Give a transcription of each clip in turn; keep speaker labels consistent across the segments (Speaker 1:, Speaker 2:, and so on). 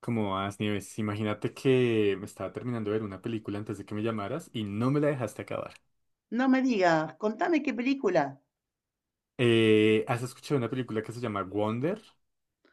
Speaker 1: ¿Como vas, Nieves? Imagínate que me estaba terminando de ver una película antes de que me llamaras y no me la dejaste acabar.
Speaker 2: No me digas, contame qué película.
Speaker 1: ¿Has escuchado una película que se llama Wonder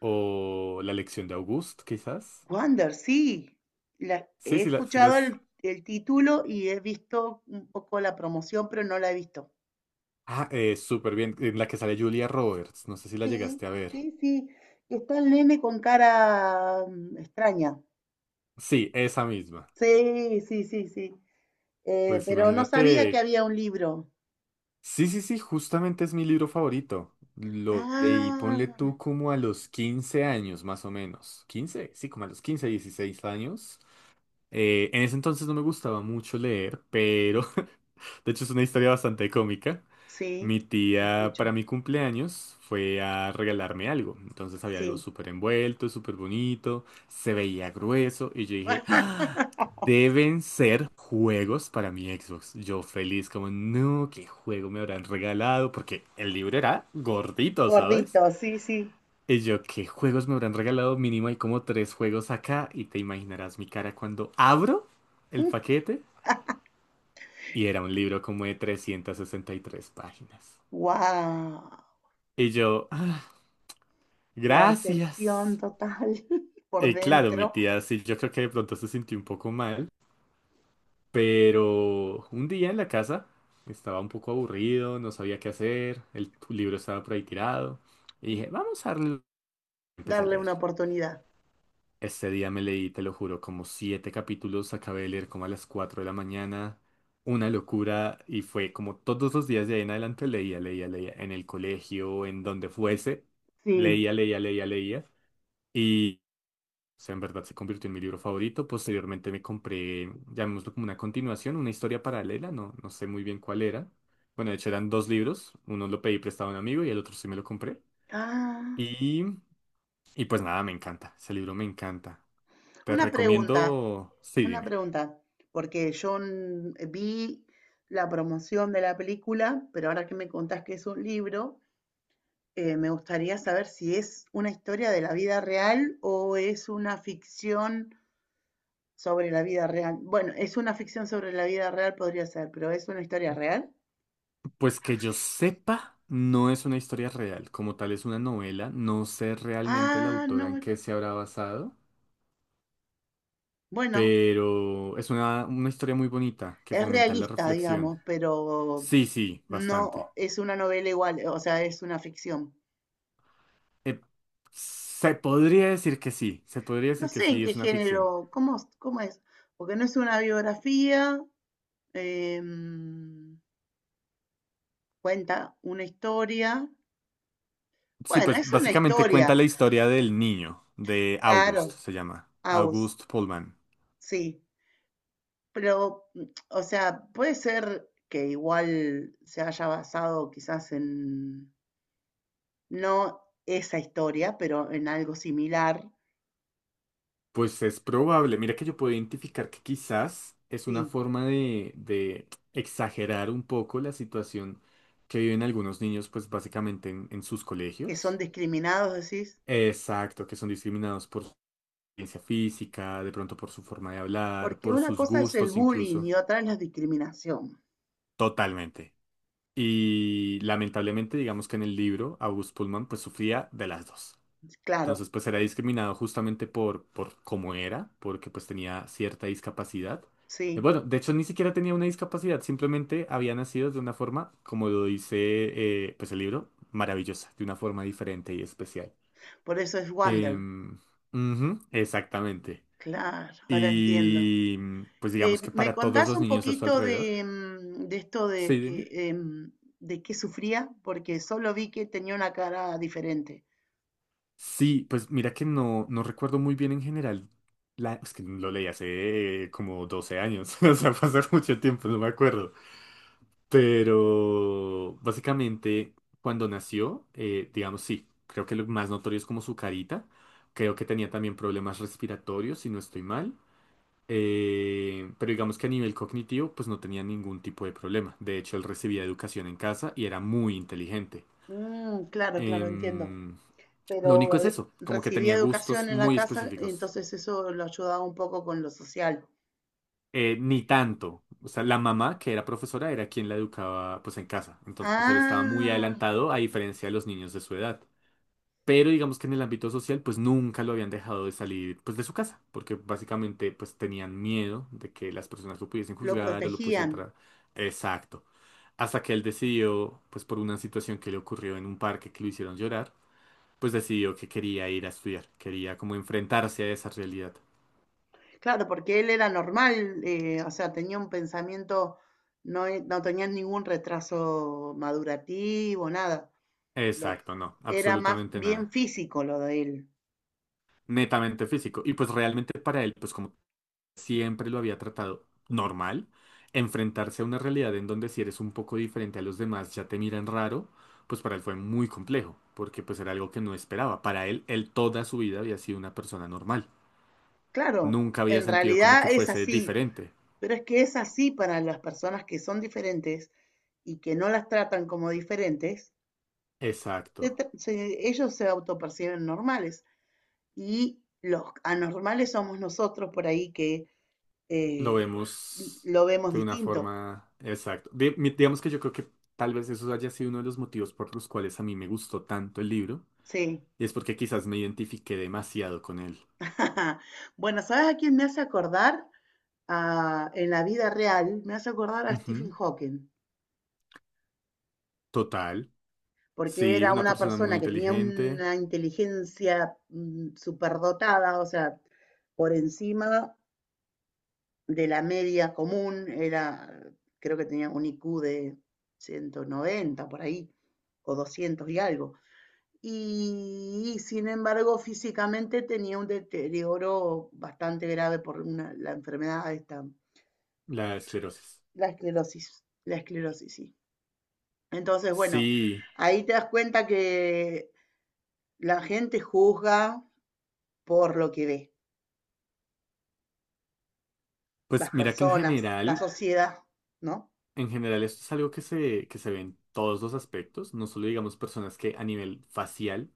Speaker 1: o La lección de August, quizás?
Speaker 2: Wonder, sí.
Speaker 1: Sí,
Speaker 2: He
Speaker 1: sí, la, sí
Speaker 2: escuchado
Speaker 1: las.
Speaker 2: el título y he visto un poco la promoción, pero no la he visto.
Speaker 1: Ah, súper bien, en la que sale Julia Roberts, no sé si la
Speaker 2: Sí,
Speaker 1: llegaste a ver.
Speaker 2: sí, sí, que está el nene con cara extraña.
Speaker 1: Sí, esa misma.
Speaker 2: Sí, sí, sí, sí.
Speaker 1: Pues
Speaker 2: Pero no sabía que
Speaker 1: imagínate.
Speaker 2: había un libro.
Speaker 1: Sí, sí, sí, justamente es mi libro favorito. Lo leí,
Speaker 2: Ah,
Speaker 1: ponle tú como a los 15 años, más o menos. ¿15? Sí, como a los 15, 16 años. En ese entonces no me gustaba mucho leer, pero de hecho es una historia bastante cómica.
Speaker 2: sí,
Speaker 1: Mi
Speaker 2: te
Speaker 1: tía para
Speaker 2: escucho.
Speaker 1: mi cumpleaños fue a regalarme algo. Entonces había algo
Speaker 2: Sí.
Speaker 1: súper envuelto, súper bonito, se veía grueso y yo dije, "Ah, deben ser juegos para mi Xbox. Yo feliz como, no, ¿qué juego me habrán regalado? Porque el libro era gordito, ¿sabes?
Speaker 2: Gordito, sí, sí.
Speaker 1: Y yo, ¿qué juegos me habrán regalado? Mínimo hay como tres juegos acá y te imaginarás mi cara cuando abro el paquete. Y era un libro como de 363 páginas.
Speaker 2: Wow.
Speaker 1: Y yo, "Ah,
Speaker 2: La excepción
Speaker 1: gracias.
Speaker 2: total, por
Speaker 1: Y claro, mi
Speaker 2: dentro,
Speaker 1: tía sí, yo creo que de pronto se sintió un poco mal, pero un día en la casa estaba un poco aburrido, no sabía qué hacer, el libro estaba por ahí tirado. Y dije, vamos a darle. Empecé a
Speaker 2: darle
Speaker 1: leer.
Speaker 2: una oportunidad.
Speaker 1: Este día me leí, te lo juro, como siete capítulos, acabé de leer como a las 4 de la mañana, una locura y fue como todos los días de ahí en adelante leía, leía, leía, en el colegio, en donde fuese,
Speaker 2: Sí.
Speaker 1: leía, leía, leía, leía y o sea, en verdad se convirtió en mi libro favorito. Posteriormente me compré, llamémoslo como una continuación, una historia paralela, no, no sé muy bien cuál era. Bueno, de hecho eran dos libros, uno lo pedí prestado a un amigo y el otro sí me lo compré.
Speaker 2: Ah,
Speaker 1: Y, y pues nada, me encanta, ese libro me encanta. Te
Speaker 2: una pregunta,
Speaker 1: recomiendo, sí,
Speaker 2: una
Speaker 1: dime.
Speaker 2: pregunta, porque yo vi la promoción de la película, pero ahora que me contás que es un libro, me gustaría saber si es una historia de la vida real o es una ficción sobre la vida real. Bueno, es una ficción sobre la vida real, podría ser, pero es una historia real.
Speaker 1: Pues que yo sepa, no es una historia real, como tal es una novela, no sé realmente la
Speaker 2: Ah, no,
Speaker 1: autora en
Speaker 2: me-
Speaker 1: qué se habrá basado,
Speaker 2: Bueno,
Speaker 1: pero es una historia muy bonita que
Speaker 2: es
Speaker 1: fomenta la
Speaker 2: realista,
Speaker 1: reflexión.
Speaker 2: digamos, pero
Speaker 1: Sí, sí, bastante.
Speaker 2: no es una novela igual, o sea, es una ficción.
Speaker 1: Eh, Se podría decir que sí, se podría
Speaker 2: No
Speaker 1: decir que
Speaker 2: sé en
Speaker 1: sí,
Speaker 2: qué
Speaker 1: es una ficción.
Speaker 2: género, cómo, cómo es, porque no es una biografía, em, cuenta una historia.
Speaker 1: Sí,
Speaker 2: Bueno,
Speaker 1: pues
Speaker 2: es una
Speaker 1: básicamente
Speaker 2: historia,
Speaker 1: cuenta la historia del niño, de August,
Speaker 2: claro,
Speaker 1: se llama,
Speaker 2: Aus,
Speaker 1: August Pullman.
Speaker 2: sí, pero, o sea, puede ser que igual se haya basado quizás en, no esa historia, pero en algo similar,
Speaker 1: Pues es probable. Mira que yo puedo identificar que quizás es una
Speaker 2: sí.
Speaker 1: forma de exagerar un poco la situación que viven algunos niños, pues básicamente en sus
Speaker 2: ¿Que son
Speaker 1: colegios.
Speaker 2: discriminados, decís?
Speaker 1: Exacto, que son discriminados por su apariencia física, de pronto por su forma de hablar,
Speaker 2: Porque
Speaker 1: por
Speaker 2: una
Speaker 1: sus
Speaker 2: cosa es el
Speaker 1: gustos
Speaker 2: bullying
Speaker 1: incluso.
Speaker 2: y otra es la discriminación.
Speaker 1: Totalmente. Y lamentablemente, digamos que en el libro, August Pullman pues sufría de las dos.
Speaker 2: Claro,
Speaker 1: Entonces, pues era discriminado justamente por cómo era, porque pues tenía cierta discapacidad.
Speaker 2: sí,
Speaker 1: Bueno, de hecho ni siquiera tenía una discapacidad, simplemente había nacido de una forma, como lo dice pues el libro, maravillosa, de una forma diferente y especial.
Speaker 2: por eso es Wonder.
Speaker 1: Em, Ujú, exactamente.
Speaker 2: Claro, ahora entiendo.
Speaker 1: Y pues digamos que
Speaker 2: ¿Me
Speaker 1: para todos
Speaker 2: contás
Speaker 1: los
Speaker 2: un
Speaker 1: niños a su
Speaker 2: poquito de,
Speaker 1: alrededor.
Speaker 2: de esto de
Speaker 1: Sí,
Speaker 2: que
Speaker 1: dime.
Speaker 2: de qué sufría? Porque solo vi que tenía una cara diferente.
Speaker 1: Sí, pues mira que no, no recuerdo muy bien en general. La, es que lo leí hace como 12 años, o sea, pasó mucho tiempo, no me acuerdo. Pero básicamente cuando nació, digamos, sí, creo que lo más notorio es como su carita. Creo que tenía también problemas respiratorios, si no estoy mal. Pero digamos que a nivel cognitivo, pues no tenía ningún tipo de problema. De hecho, él recibía educación en casa y era muy inteligente.
Speaker 2: Mm, claro, claro, entiendo.
Speaker 1: Em, lo único
Speaker 2: Pero
Speaker 1: es
Speaker 2: eh,
Speaker 1: eso, como que
Speaker 2: recibía
Speaker 1: tenía
Speaker 2: educación
Speaker 1: gustos
Speaker 2: en la
Speaker 1: muy
Speaker 2: casa,
Speaker 1: específicos.
Speaker 2: entonces eso lo ayudaba un poco con lo social.
Speaker 1: Ni tanto. O sea, la mamá, que era profesora, era quien la educaba pues en casa. Entonces él estaba muy
Speaker 2: Ah,
Speaker 1: adelantado a diferencia de los niños de su edad. Pero digamos que en el ámbito social pues nunca lo habían dejado de salir pues de su casa, porque básicamente pues tenían miedo de que las personas lo pudiesen
Speaker 2: lo
Speaker 1: juzgar o lo pudiesen
Speaker 2: protegían.
Speaker 1: entrar. Exacto. Hasta que él decidió, pues por una situación que le ocurrió en un parque que lo hicieron llorar, pues decidió que quería ir a estudiar, quería como enfrentarse a esa realidad.
Speaker 2: Claro, porque él era normal, o sea, tenía un pensamiento, no tenía ningún retraso madurativo, nada. Lo,
Speaker 1: Exacto, no,
Speaker 2: Era más
Speaker 1: absolutamente
Speaker 2: bien
Speaker 1: nada.
Speaker 2: físico lo de él.
Speaker 1: Netamente físico. Y pues realmente para él, pues como siempre lo había tratado normal, enfrentarse a una realidad en donde si eres un poco diferente a los demás ya te miran raro, pues para él fue muy complejo, porque pues era algo que no esperaba. Para él, él toda su vida había sido una persona normal.
Speaker 2: Claro,
Speaker 1: Nunca había
Speaker 2: en
Speaker 1: sentido como que
Speaker 2: realidad es
Speaker 1: fuese
Speaker 2: así,
Speaker 1: diferente.
Speaker 2: pero es que es así para las personas que son diferentes y que no las tratan como diferentes,
Speaker 1: Exacto.
Speaker 2: ellos se autoperciben normales, y los anormales somos nosotros por ahí que
Speaker 1: Lo
Speaker 2: eh,
Speaker 1: vemos
Speaker 2: lo vemos
Speaker 1: de una
Speaker 2: distinto.
Speaker 1: forma. Exacto. Digamos que yo creo que tal vez eso haya sido uno de los motivos por los cuales a mí me gustó tanto el libro.
Speaker 2: Sí.
Speaker 1: Y es porque quizás me identifiqué demasiado con él.
Speaker 2: Bueno, ¿sabes a quién me hace acordar? En la vida real, me hace acordar a Stephen
Speaker 1: Ujú,
Speaker 2: Hawking,
Speaker 1: total.
Speaker 2: porque
Speaker 1: Sí,
Speaker 2: era
Speaker 1: una
Speaker 2: una
Speaker 1: persona muy
Speaker 2: persona que tenía
Speaker 1: inteligente.
Speaker 2: una inteligencia superdotada, o sea, por encima de la media común, era, creo que tenía un IQ de 190 por ahí, o 200 y algo, y sin embargo físicamente tenía un deterioro bastante grave por la enfermedad esta,
Speaker 1: La esclerosis.
Speaker 2: la esclerosis, sí. Entonces, bueno,
Speaker 1: Sí.
Speaker 2: ahí te das cuenta que la gente juzga por lo que ve, las
Speaker 1: Pues mira que
Speaker 2: personas, la sociedad, ¿no?
Speaker 1: en general esto es algo que se ve en todos los aspectos. No solo digamos personas que a nivel facial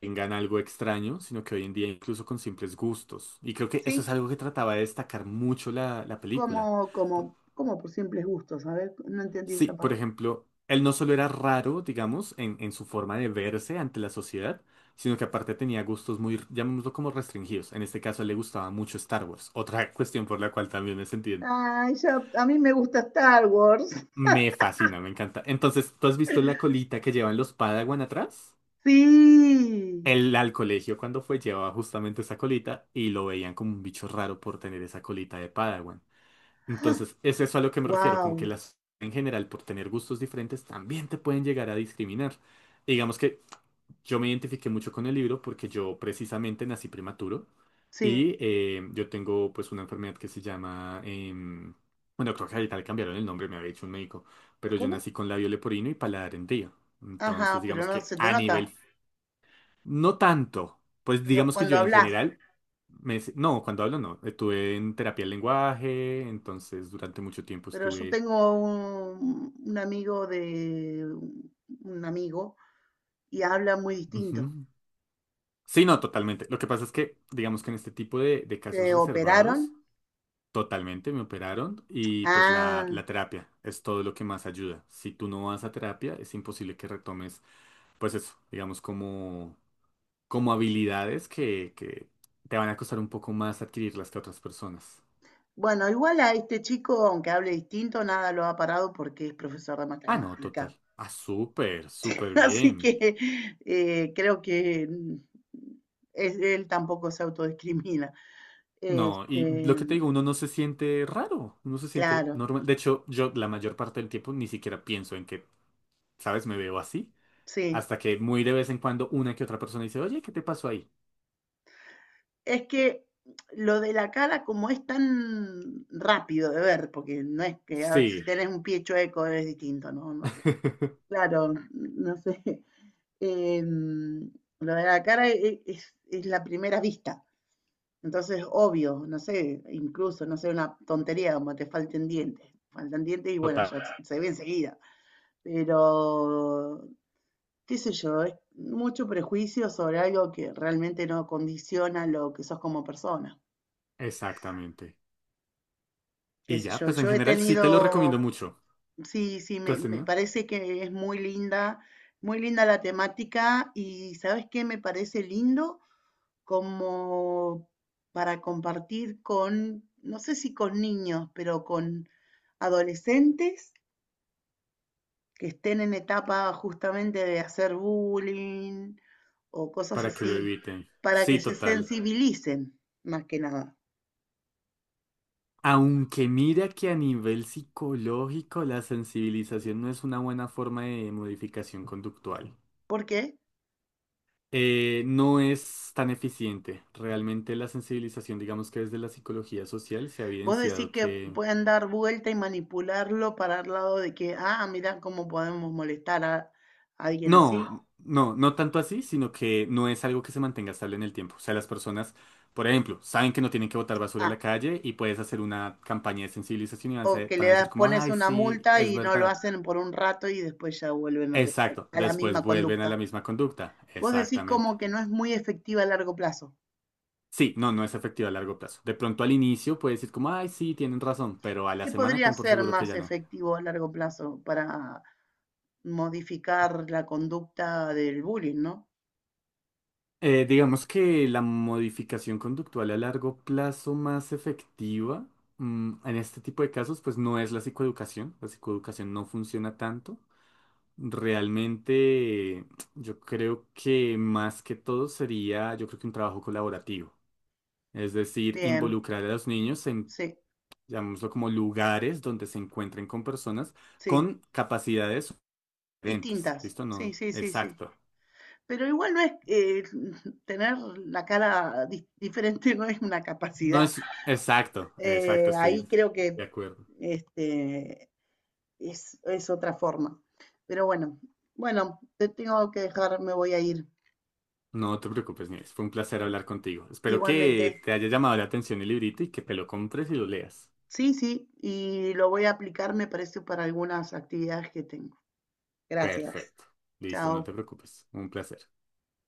Speaker 1: tengan algo extraño, sino que hoy en día incluso con simples gustos. Y creo que eso es
Speaker 2: Sí,
Speaker 1: algo que trataba de destacar mucho la película.
Speaker 2: como, como, como por simples gustos, a ver, no entendí
Speaker 1: Sí,
Speaker 2: esa
Speaker 1: por
Speaker 2: parte.
Speaker 1: ejemplo, él no solo era raro, digamos, en su forma de verse ante la sociedad, sino que aparte tenía gustos muy, llamémoslo como restringidos. En este caso, le gustaba mucho Star Wars, otra cuestión por la cual también me sentí.
Speaker 2: Ay, ya, a mí me gusta Star Wars.
Speaker 1: Me fascina, me encanta. Entonces, ¿tú has visto la colita que llevan los Padawan atrás?
Speaker 2: Sí,
Speaker 1: Él al colegio cuando fue llevaba justamente esa colita y lo veían como un bicho raro por tener esa colita de Padawan. Entonces, es eso a lo que me refiero, como
Speaker 2: wow,
Speaker 1: que las en general, por tener gustos diferentes, también te pueden llegar a discriminar. Y digamos que yo me identifiqué mucho con el libro porque yo precisamente nací prematuro
Speaker 2: sí.
Speaker 1: y yo tengo pues una enfermedad que se llama, bueno, creo que ahorita le cambiaron el nombre, me había dicho un médico, pero yo
Speaker 2: ¿Cómo?
Speaker 1: nací con labio leporino y paladar hendido. Entonces,
Speaker 2: Ajá, pero
Speaker 1: digamos
Speaker 2: no
Speaker 1: que
Speaker 2: se te
Speaker 1: a
Speaker 2: nota,
Speaker 1: nivel no tanto. Pues
Speaker 2: pero
Speaker 1: digamos que
Speaker 2: cuando
Speaker 1: yo en
Speaker 2: hablas.
Speaker 1: general, no, cuando hablo no. Estuve en terapia del lenguaje, entonces durante mucho tiempo
Speaker 2: Pero yo
Speaker 1: estuve.
Speaker 2: tengo un amigo de un amigo y habla muy distinto.
Speaker 1: Ujú. Sí, no, totalmente. Lo que pasa es que, digamos que en este tipo de casos
Speaker 2: ¿Se operaron?
Speaker 1: reservados, totalmente me operaron y pues la,
Speaker 2: Ah,
Speaker 1: la terapia es todo lo que más ayuda. Si tú no vas a terapia, es imposible que retomes pues eso, digamos, como habilidades que te van a costar un poco más adquirirlas que a otras personas.
Speaker 2: bueno, igual a este chico, aunque hable distinto, nada lo ha parado porque es profesor de
Speaker 1: Ah, no,
Speaker 2: matemática.
Speaker 1: total. Ah, súper, súper
Speaker 2: Así
Speaker 1: bien.
Speaker 2: que creo que él tampoco se autodiscrimina.
Speaker 1: No, y
Speaker 2: Este,
Speaker 1: lo que te digo, uno no se siente raro, uno se siente
Speaker 2: claro,
Speaker 1: normal. De hecho, yo la mayor parte del tiempo ni siquiera pienso en que, ¿sabes? Me veo así.
Speaker 2: sí.
Speaker 1: Hasta que muy de vez en cuando una que otra persona dice, oye, ¿qué te pasó ahí?
Speaker 2: Es que lo de la cara, como es tan rápido de ver, porque no es que, a ver, si
Speaker 1: Sí.
Speaker 2: tenés un pie chueco es distinto, ¿no? No sé. Claro, no sé. Em, lo de la cara es la primera vista. Entonces, obvio, no sé, incluso, no sé, una tontería como te falten dientes. Faltan dientes y bueno,
Speaker 1: Total.
Speaker 2: ya se ve enseguida. Pero, qué sé yo, es mucho prejuicio sobre algo que realmente no condiciona lo que sos como persona.
Speaker 1: Exactamente.
Speaker 2: Qué
Speaker 1: Y
Speaker 2: sé
Speaker 1: ya,
Speaker 2: yo,
Speaker 1: pues en
Speaker 2: yo he
Speaker 1: general sí te lo
Speaker 2: tenido,
Speaker 1: recomiendo mucho.
Speaker 2: sí, sí,
Speaker 1: ¿Tú
Speaker 2: me,
Speaker 1: has
Speaker 2: me
Speaker 1: tenido?
Speaker 2: parece que es muy linda la temática. ¿Y sabes qué? Me parece lindo como para compartir con, no sé si con niños, pero con adolescentes que estén en etapa justamente de hacer bullying o cosas
Speaker 1: Para que
Speaker 2: así,
Speaker 1: lo eviten.
Speaker 2: para que
Speaker 1: Sí,
Speaker 2: se
Speaker 1: total.
Speaker 2: sensibilicen más que nada.
Speaker 1: Aunque mira que a nivel psicológico la sensibilización no es una buena forma de modificación conductual.
Speaker 2: ¿Por qué?
Speaker 1: No es tan eficiente. Realmente la sensibilización, digamos que desde la psicología social se ha
Speaker 2: Vos decís
Speaker 1: evidenciado
Speaker 2: que
Speaker 1: que.
Speaker 2: pueden dar vuelta y manipularlo para el lado de que, ah, mira cómo podemos molestar a alguien así.
Speaker 1: No, no, no tanto así, sino que no es algo que se mantenga estable en el tiempo. O sea, las personas, por ejemplo, saben que no tienen que botar basura a
Speaker 2: Ah,
Speaker 1: la calle y puedes hacer una campaña de sensibilización y van a,
Speaker 2: o
Speaker 1: ser-
Speaker 2: que le
Speaker 1: van a decir
Speaker 2: das,
Speaker 1: como,
Speaker 2: pones
Speaker 1: ay,
Speaker 2: una
Speaker 1: sí,
Speaker 2: multa
Speaker 1: es
Speaker 2: y no lo
Speaker 1: verdad.
Speaker 2: hacen por un rato y después ya vuelven
Speaker 1: Exacto,
Speaker 2: a la
Speaker 1: después
Speaker 2: misma
Speaker 1: vuelven a la
Speaker 2: conducta.
Speaker 1: misma conducta.
Speaker 2: Vos decís
Speaker 1: Exactamente.
Speaker 2: como que no es muy efectiva a largo plazo.
Speaker 1: Sí, no, no es efectivo a largo plazo. De pronto al inicio puedes decir como, ay, sí, tienen razón, pero a la
Speaker 2: ¿Qué
Speaker 1: semana
Speaker 2: podría
Speaker 1: ten por
Speaker 2: ser
Speaker 1: seguro que
Speaker 2: más
Speaker 1: ya no.
Speaker 2: efectivo a largo plazo para modificar la conducta del bullying, ¿no?
Speaker 1: Digamos que la modificación conductual a largo plazo más efectiva, en este tipo de casos, pues no es la psicoeducación. La psicoeducación no funciona tanto. Realmente, yo creo que más que todo sería, yo creo que un trabajo colaborativo. Es decir,
Speaker 2: Bien,
Speaker 1: involucrar a los niños en
Speaker 2: sí,
Speaker 1: llamémoslo como lugares donde se encuentren con personas
Speaker 2: sí,
Speaker 1: con capacidades diferentes.
Speaker 2: distintas.
Speaker 1: ¿Listo?
Speaker 2: Sí,
Speaker 1: No,
Speaker 2: sí, sí, sí.
Speaker 1: exacto.
Speaker 2: Pero igual no es, tener la diferente, no es una
Speaker 1: No
Speaker 2: capacidad.
Speaker 1: es exacto, exacto,
Speaker 2: Ahí
Speaker 1: estoy
Speaker 2: creo que
Speaker 1: de acuerdo.
Speaker 2: este, es otra forma. Pero bueno, bueno, te tengo que dejar, me voy a ir
Speaker 1: No te preocupes, Nieves. Fue un placer hablar contigo. Espero que
Speaker 2: igualmente.
Speaker 1: te haya llamado la atención el librito y que te lo compres y lo leas.
Speaker 2: Sí, sí, y lo voy a aplicar, me parece, para algunas actividades que tengo. Gracias.
Speaker 1: Perfecto. Listo, no
Speaker 2: Chao.
Speaker 1: te preocupes. Un placer.